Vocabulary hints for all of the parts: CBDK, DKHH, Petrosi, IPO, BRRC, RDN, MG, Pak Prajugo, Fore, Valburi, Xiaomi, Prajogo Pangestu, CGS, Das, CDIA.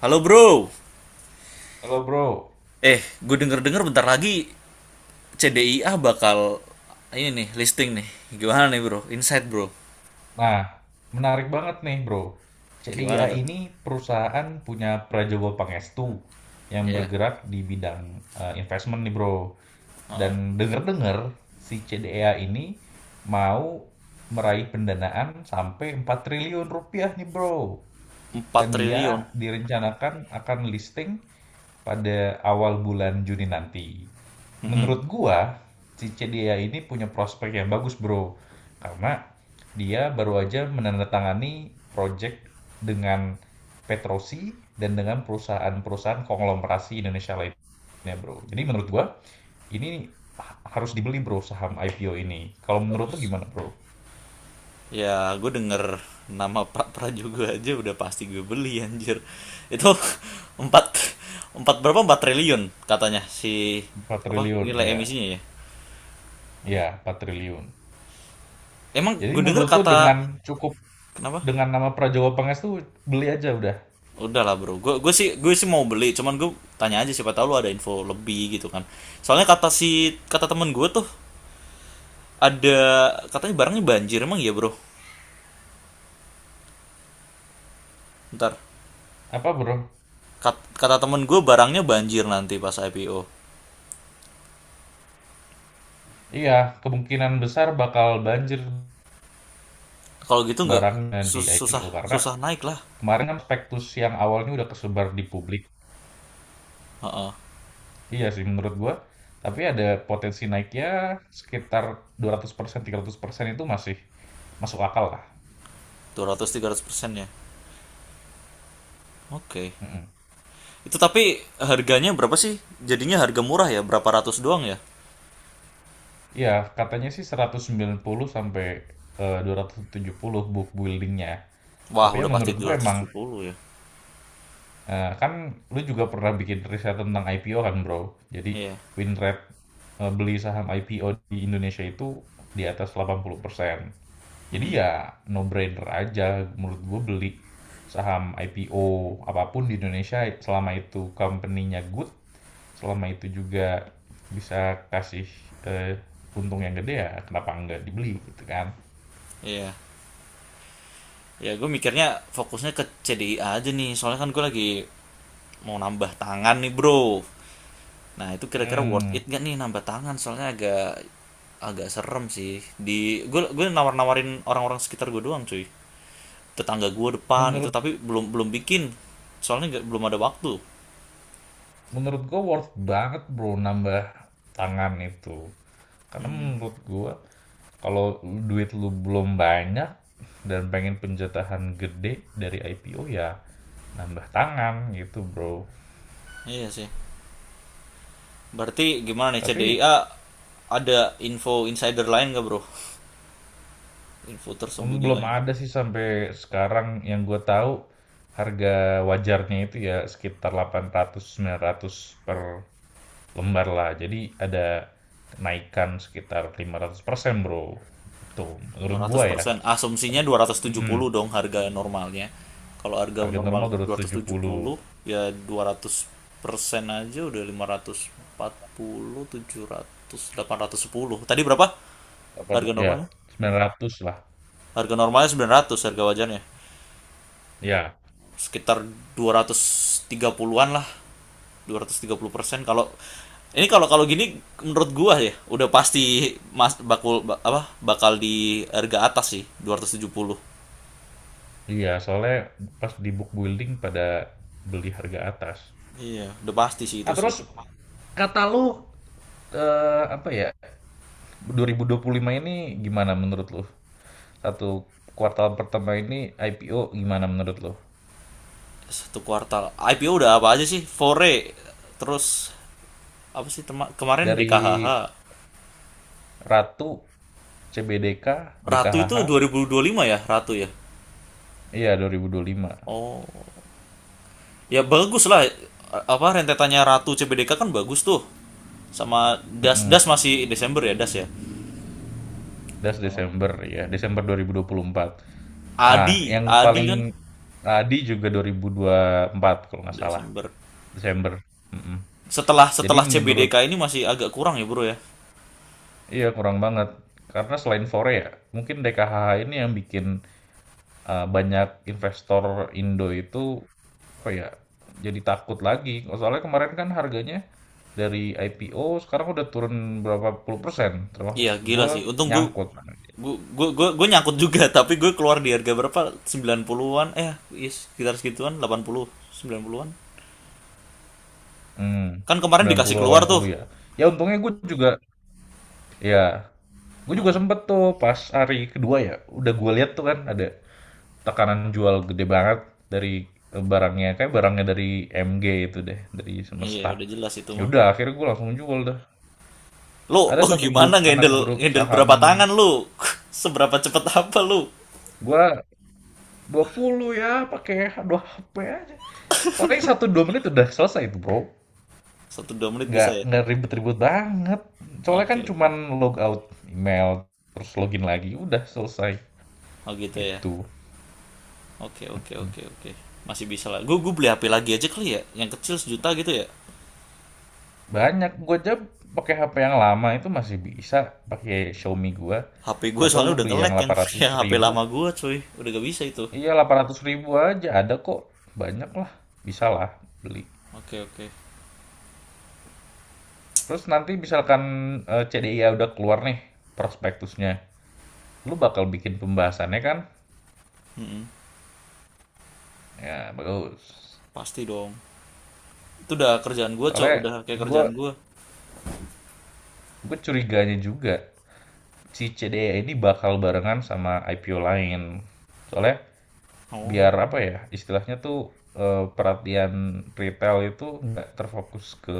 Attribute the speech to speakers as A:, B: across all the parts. A: Halo bro.
B: Halo bro,
A: Eh, gue denger-denger bentar lagi C D I CDIA bakal ini nih listing nih. Gimana nih bro? Insight bro.
B: nah menarik banget nih bro. CDIA
A: Gimana tuh?
B: ini perusahaan punya Prajogo Pangestu yang
A: Ya.
B: bergerak di bidang investment nih bro. Dan denger-dengar si CDIA ini mau meraih pendanaan sampai 4 triliun rupiah nih bro.
A: Empat
B: Dan
A: triliun.
B: dia direncanakan akan listing pada awal bulan Juni nanti.
A: Mm-mm.
B: Menurut gua, si Cedia ini punya prospek yang bagus, Bro. Karena dia baru aja menandatangani project dengan Petrosi dan dengan perusahaan-perusahaan konglomerasi Indonesia lainnya, Bro. Jadi menurut gua, ini harus dibeli, Bro, saham IPO ini. Kalau menurut lu gimana, Bro?
A: Ya, gue denger nama Pak Prajugo aja udah pasti gue beli anjir. Itu 4 4 berapa? Empat triliun katanya si
B: 4
A: apa?
B: triliun,
A: Nilai
B: iya.
A: emisinya ya.
B: Iya, 4 triliun.
A: Emang
B: Jadi
A: gue denger
B: menurut lu
A: kata
B: dengan cukup
A: kenapa?
B: dengan nama Prajawa Pangestu beli aja udah.
A: Udah lah bro, gue sih mau beli, cuman gue tanya aja siapa tahu lu ada info lebih gitu kan. Soalnya kata si kata temen gue tuh ada katanya barangnya banjir emang ya bro. Ntar
B: Apa, Bro?
A: Kata temen gue barangnya banjir nanti pas IPO.
B: Iya, kemungkinan besar bakal banjir
A: Kalau gitu nggak
B: barangnya di
A: susah
B: IPO karena
A: susah naik lah.
B: kemarin kan spektus yang awalnya udah kesebar di publik.
A: Heeh,
B: Iya sih menurut gua, tapi ada potensi naiknya sekitar 200%, 300% itu masih masuk akal lah.
A: 200-300 persen ya. Oke.
B: Mm-mm.
A: Itu tapi harganya berapa sih? Jadinya harga murah ya, berapa ratus doang ya?
B: Iya, katanya sih 190 sampai 270 book buildingnya.
A: Wah
B: Tapi ya
A: udah pasti
B: menurut
A: dua
B: gue
A: ratus
B: emang
A: tujuh puluh ya.
B: kan lu juga pernah bikin riset tentang IPO kan bro. Jadi
A: Iya,
B: win rate beli saham IPO di Indonesia itu di atas 80%. Jadi ya no brainer aja menurut gue beli saham IPO apapun di Indonesia selama itu company-nya good, selama itu juga bisa kasih, eee, untung yang gede ya kenapa nggak dibeli gitu kan.
A: iya. Ya gue mikirnya fokusnya ke C D I aja nih soalnya kan gue lagi mau nambah tangan nih bro, nah itu kira-kira worth
B: Hmm,
A: it gak nih nambah tangan soalnya agak agak serem sih di gue nawar-nawarin orang-orang sekitar gue doang cuy, tetangga gue depan itu,
B: menurut
A: tapi belum belum bikin soalnya belum ada waktu.
B: menurut gue worth banget Bro nambah tangan itu. Karena menurut gue kalau duit lu belum banyak dan pengen penjatahan gede dari IPO ya nambah tangan gitu, Bro.
A: Iya sih, berarti gimana nih C D I
B: Tapi
A: a, ada info insider lain gak bro, info tersembunyi
B: belum
A: lain.
B: ada sih sampai sekarang yang gue tahu harga wajarnya itu ya sekitar 800 900 per lembar lah. Jadi ada kenaikan sekitar 500% Bro. Itu
A: Lima
B: menurut
A: ratus
B: gua ya.
A: persen asumsinya
B: Tapi,
A: dua ratus tujuh
B: mm-mm.
A: puluh dong harga normalnya. Kalau harga
B: Harga
A: normal
B: normal
A: dua ratus tujuh
B: 270.
A: puluh ya dua ratus persen aja udah lima ratus ratus empat puluh tujuh ratus, delapan ratus sepuluh tadi berapa harga
B: Ya,
A: normalnya.
B: 900 lah.
A: Harga normalnya sembilan ratus, harga wajarnya
B: Ya.
A: sekitar dua ratus tiga puluhan lah, 230% kalau ini. Kalau kalau gini menurut gua ya udah pasti mas bakul ba- apa bakal di harga atas sih dua ratus tujuh puluh.
B: Iya, soalnya pas di book building pada beli harga atas.
A: Iya, udah pasti sih
B: Nah,
A: itu sih.
B: terus kata lu apa ya? 2025 ini gimana menurut lu? Satu kuartal pertama ini IPO gimana menurut lu?
A: Satu kuartal. I P IPO udah apa aja sih? Fore, terus apa sih kemarin D
B: Dari
A: K H H.
B: Ratu, CBDK,
A: Ratu itu
B: DKHH,
A: dua 2025 ya, Ratu ya.
B: iya 2025.
A: Oh. Ya bagus lah. Apa rentetannya Ratu C B D K kan bagus tuh. Sama Das,
B: Mm-mm.
A: Das masih Desember ya, Das ya.
B: Das
A: Oh.
B: Desember ya, Desember 2024. Ah
A: Adi,
B: yang
A: Adi
B: paling
A: kan
B: Adi juga 2024 kalau nggak salah,
A: Desember.
B: Desember. Mm-mm.
A: Setelah
B: Jadi
A: setelah C B D
B: menurut
A: K ini masih agak kurang ya, Bro ya.
B: Iya, kurang banget. Karena selain Fore ya, mungkin DKHH ini yang bikin banyak investor Indo itu apa ya? Jadi takut lagi. Soalnya kemarin kan harganya dari IPO sekarang udah turun berapa puluh persen, termasuk
A: Iya gila
B: gua
A: sih. Untung gue,
B: nyangkut kan.
A: gue nyangkut juga tapi gue keluar di harga berapa? 90-an eh iya, sekitar segituan 80 90-an.
B: Hmm,
A: Kan kemarin
B: sembilan
A: dikasih
B: puluh delapan
A: keluar tuh.
B: puluh ya. Ya untungnya gue juga, ya, gue juga sempet tuh pas hari kedua ya, udah gue lihat tuh kan ada tekanan jual gede banget dari barangnya kayak barangnya dari MG itu deh dari
A: Iya
B: semesta.
A: udah jelas itu mah.
B: Yaudah, akhirnya gue langsung jual dah.
A: Lu
B: Ada
A: lu
B: satu grup
A: gimana
B: anak
A: ngehandle
B: grup
A: ngehandle
B: saham
A: berapa tangan lu? Seberapa cepet apa lu?
B: gue 20 ya pakai 2 HP aja paling 1 sampai 2 menit udah selesai itu bro.
A: Satu dua menit
B: nggak
A: bisa ya?
B: nggak ribet-ribet banget soalnya kan
A: Oke oke.
B: cuman log out email terus login lagi udah selesai
A: Oh gitu ya.
B: gitu.
A: Oke oke oke oke. Masih bisa lah. Gue beli HP lagi aja kali ya. Yang kecil sejuta gitu ya.
B: Banyak, gue aja pakai HP yang lama itu masih bisa pakai Xiaomi gua
A: HP gue
B: atau
A: soalnya
B: lu
A: udah
B: beli yang
A: nge-lag yang
B: 800.000
A: yang HP
B: ribu.
A: lama gue cuy. Udah gak bisa itu.
B: Iya 800.000 ribu aja ada kok. Banyak lah, bisa lah beli.
A: Oke oke.
B: Terus nanti misalkan CDIA udah keluar nih prospektusnya. Lu bakal bikin pembahasannya kan?
A: Mm-mm.
B: Ya bagus.
A: Pasti dong. Itu udah kerjaan gue, cok.
B: Soalnya
A: Udah kayak
B: gue
A: kerjaan gue.
B: gue curiganya juga si CDIA ini bakal barengan sama IPO lain. Soalnya
A: Oh,
B: biar apa ya, istilahnya tuh, perhatian retail itu nggak terfokus ke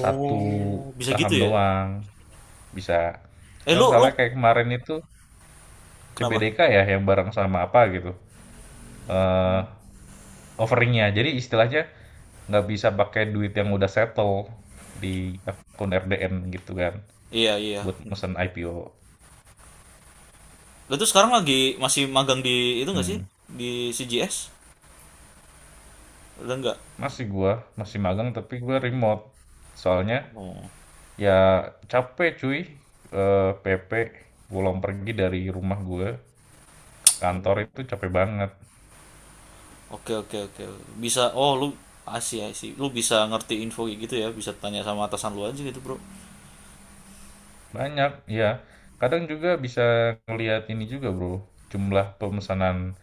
B: satu
A: bisa gitu
B: saham
A: ya?
B: doang, bisa
A: Eh
B: kan
A: lu lu
B: soalnya kayak kemarin itu
A: kenapa?
B: CBDK ya yang bareng sama apa gitu, eee, offering. Jadi istilahnya nggak bisa pakai duit yang udah settle di akun RDN gitu kan,
A: Iya iya.
B: buat mesen IPO.
A: Lu tuh sekarang lagi masih magang di itu nggak sih?
B: Mhm,
A: Di CGS? Udah nggak?
B: masih gua, masih magang tapi gua remote. Soalnya
A: Oh,
B: Ya capek cuy. PP pulang pergi dari rumah gue ke kantor
A: oh.
B: itu capek banget.
A: Oke oke oke. Bisa. Oh lu asih asih. Lu bisa ngerti info kayak gitu ya? Bisa tanya sama atasan lu aja gitu bro.
B: Banyak, ya. Kadang juga bisa ngelihat ini juga bro, jumlah pemesanan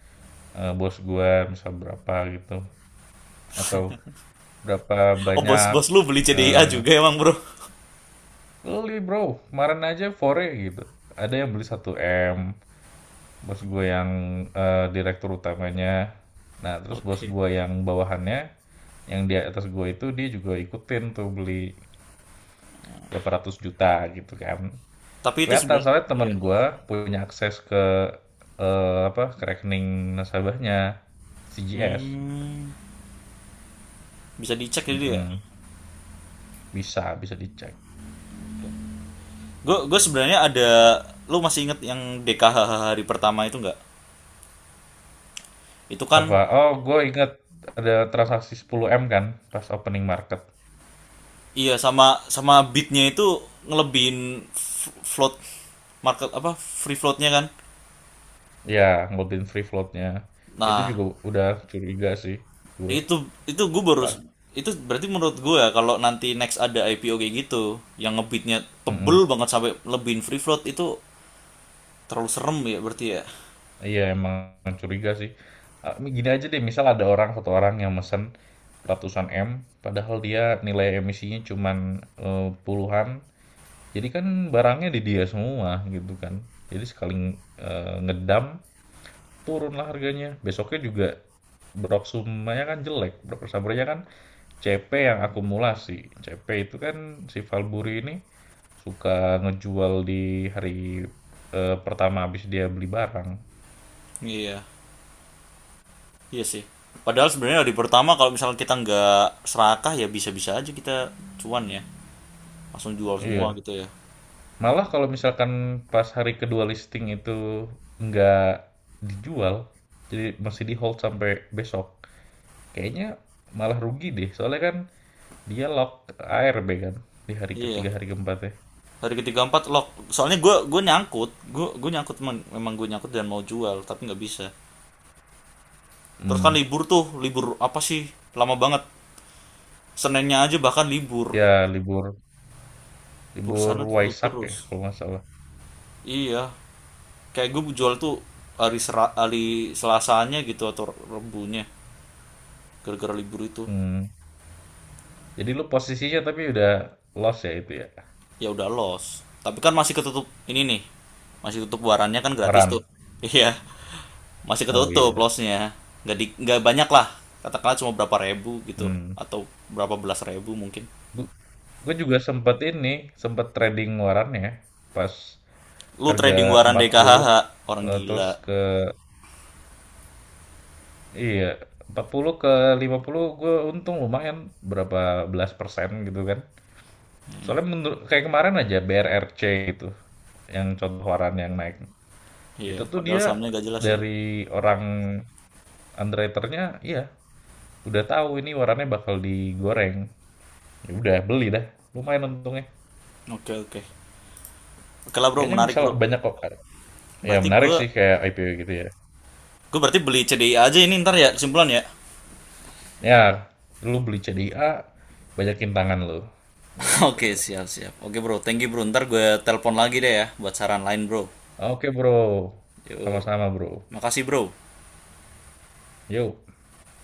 B: bos gue misal berapa gitu. Atau berapa
A: Oh bos
B: banyak
A: bos lu beli CDIA
B: eh,
A: juga emang bro?
B: beli bro, kemarin aja fore gitu. Ada yang beli 1 M bos gue yang direktur utamanya. Nah terus bos
A: Oke.
B: gue yang bawahannya yang di atas gue itu dia juga ikutin tuh beli berapa ratus juta gitu kan.
A: Tapi itu
B: Kelihatan
A: sebenarnya.
B: soalnya temen
A: Iya.
B: gue punya akses ke apa ke rekening nasabahnya CGS.
A: Hmm, bisa dicek jadi ya?
B: Mm-mm. Bisa bisa dicek.
A: Gue sebenarnya ada, lu masih inget yang DKHH hari pertama itu nggak? Itu kan
B: Apa? Oh, gue inget ada transaksi 10M kan pas opening market.
A: iya, sama sama beatnya itu ngelebihin float market apa free floatnya kan.
B: Ya, ngobrolin free floatnya. Itu
A: Nah
B: juga udah curiga sih gue.
A: itu itu gue baru
B: Pas.
A: itu, berarti menurut gue ya, kalau nanti next ada IPO kayak gitu yang ngebeatnya tebel banget sampai lebihin free float itu terlalu serem ya berarti ya.
B: Iya emang curiga sih. Ah, gini aja deh, misal ada orang satu orang yang mesen ratusan M, padahal dia nilai emisinya cuman puluhan. Jadi kan barangnya di dia semua gitu kan. Jadi sekali ngedam turunlah harganya. Besoknya juga Broksumanya kan jelek, Broksumbernya kan CP yang akumulasi. CP itu kan si Valburi ini suka ngejual di hari pertama habis dia beli barang.
A: Iya iya sih. Padahal sebenarnya hari pertama kalau misalnya kita nggak serakah ya bisa-bisa aja kita cuan ya, langsung jual semua
B: Iya,
A: gitu ya.
B: malah kalau misalkan pas hari kedua listing itu nggak dijual, jadi masih di hold sampai besok, kayaknya malah rugi deh. Soalnya kan dia lock ARB kan di hari
A: Iya
B: ketiga, hari keempatnya.
A: hari ketiga empat lock, soalnya gue nyangkut, gue nyangkut memang, memang gue nyangkut dan mau jual tapi nggak bisa. Terus kan
B: Hmm.
A: libur tuh, libur apa sih, lama banget, senennya aja bahkan libur,
B: Ya libur libur
A: bursanya tutup
B: Waisak ya
A: terus.
B: kalau nggak salah.
A: Iya kayak gue jual tuh hari sera, hari selasanya gitu atau rebunya, gara-gara libur itu.
B: Hmm. Jadi lu posisinya tapi udah loss ya itu ya.
A: Ya udah los tapi kan masih ketutup ini nih, masih tutup warannya kan gratis
B: Waran.
A: tuh. Iya masih
B: Oh
A: ketutup
B: iya.
A: lossnya, nggak nggak banyak lah, katakanlah cuma berapa ribu gitu
B: Hmm.
A: atau berapa belas ribu mungkin.
B: Gue juga sempet trading waran ya pas
A: Lu trading
B: harga
A: waran
B: 40
A: DKHH, orang
B: eh,
A: gila,
B: terus Iya, 40 ke 50 gue untung lumayan berapa belas persen gitu kan. Soalnya menurut kayak kemarin aja BRRC gitu, yang contoh waran yang naik.
A: iya
B: Itu tuh
A: padahal
B: dia
A: sahamnya nggak jelas ya.
B: dari orang underwriternya, iya udah tahu ini warannya bakal digoreng. Ya udah beli dah, lumayan untungnya.
A: Oke okay, oke okay. Oke lah bro,
B: Kayaknya
A: menarik
B: misal
A: bro.
B: banyak kok. Ya
A: Berarti
B: menarik sih
A: gua,
B: kayak IPO gitu ya.
A: gue berarti beli CDI aja ini ntar ya, kesimpulan ya.
B: Ya, lu beli CDA, banyakin tangan lu.
A: Oke
B: Gitu.
A: okay, siap siap oke okay, bro thank you bro, ntar gue telepon lagi deh ya buat saran lain bro.
B: Oke bro,
A: Yuk,
B: sama-sama bro.
A: makasih bro.
B: Yuk.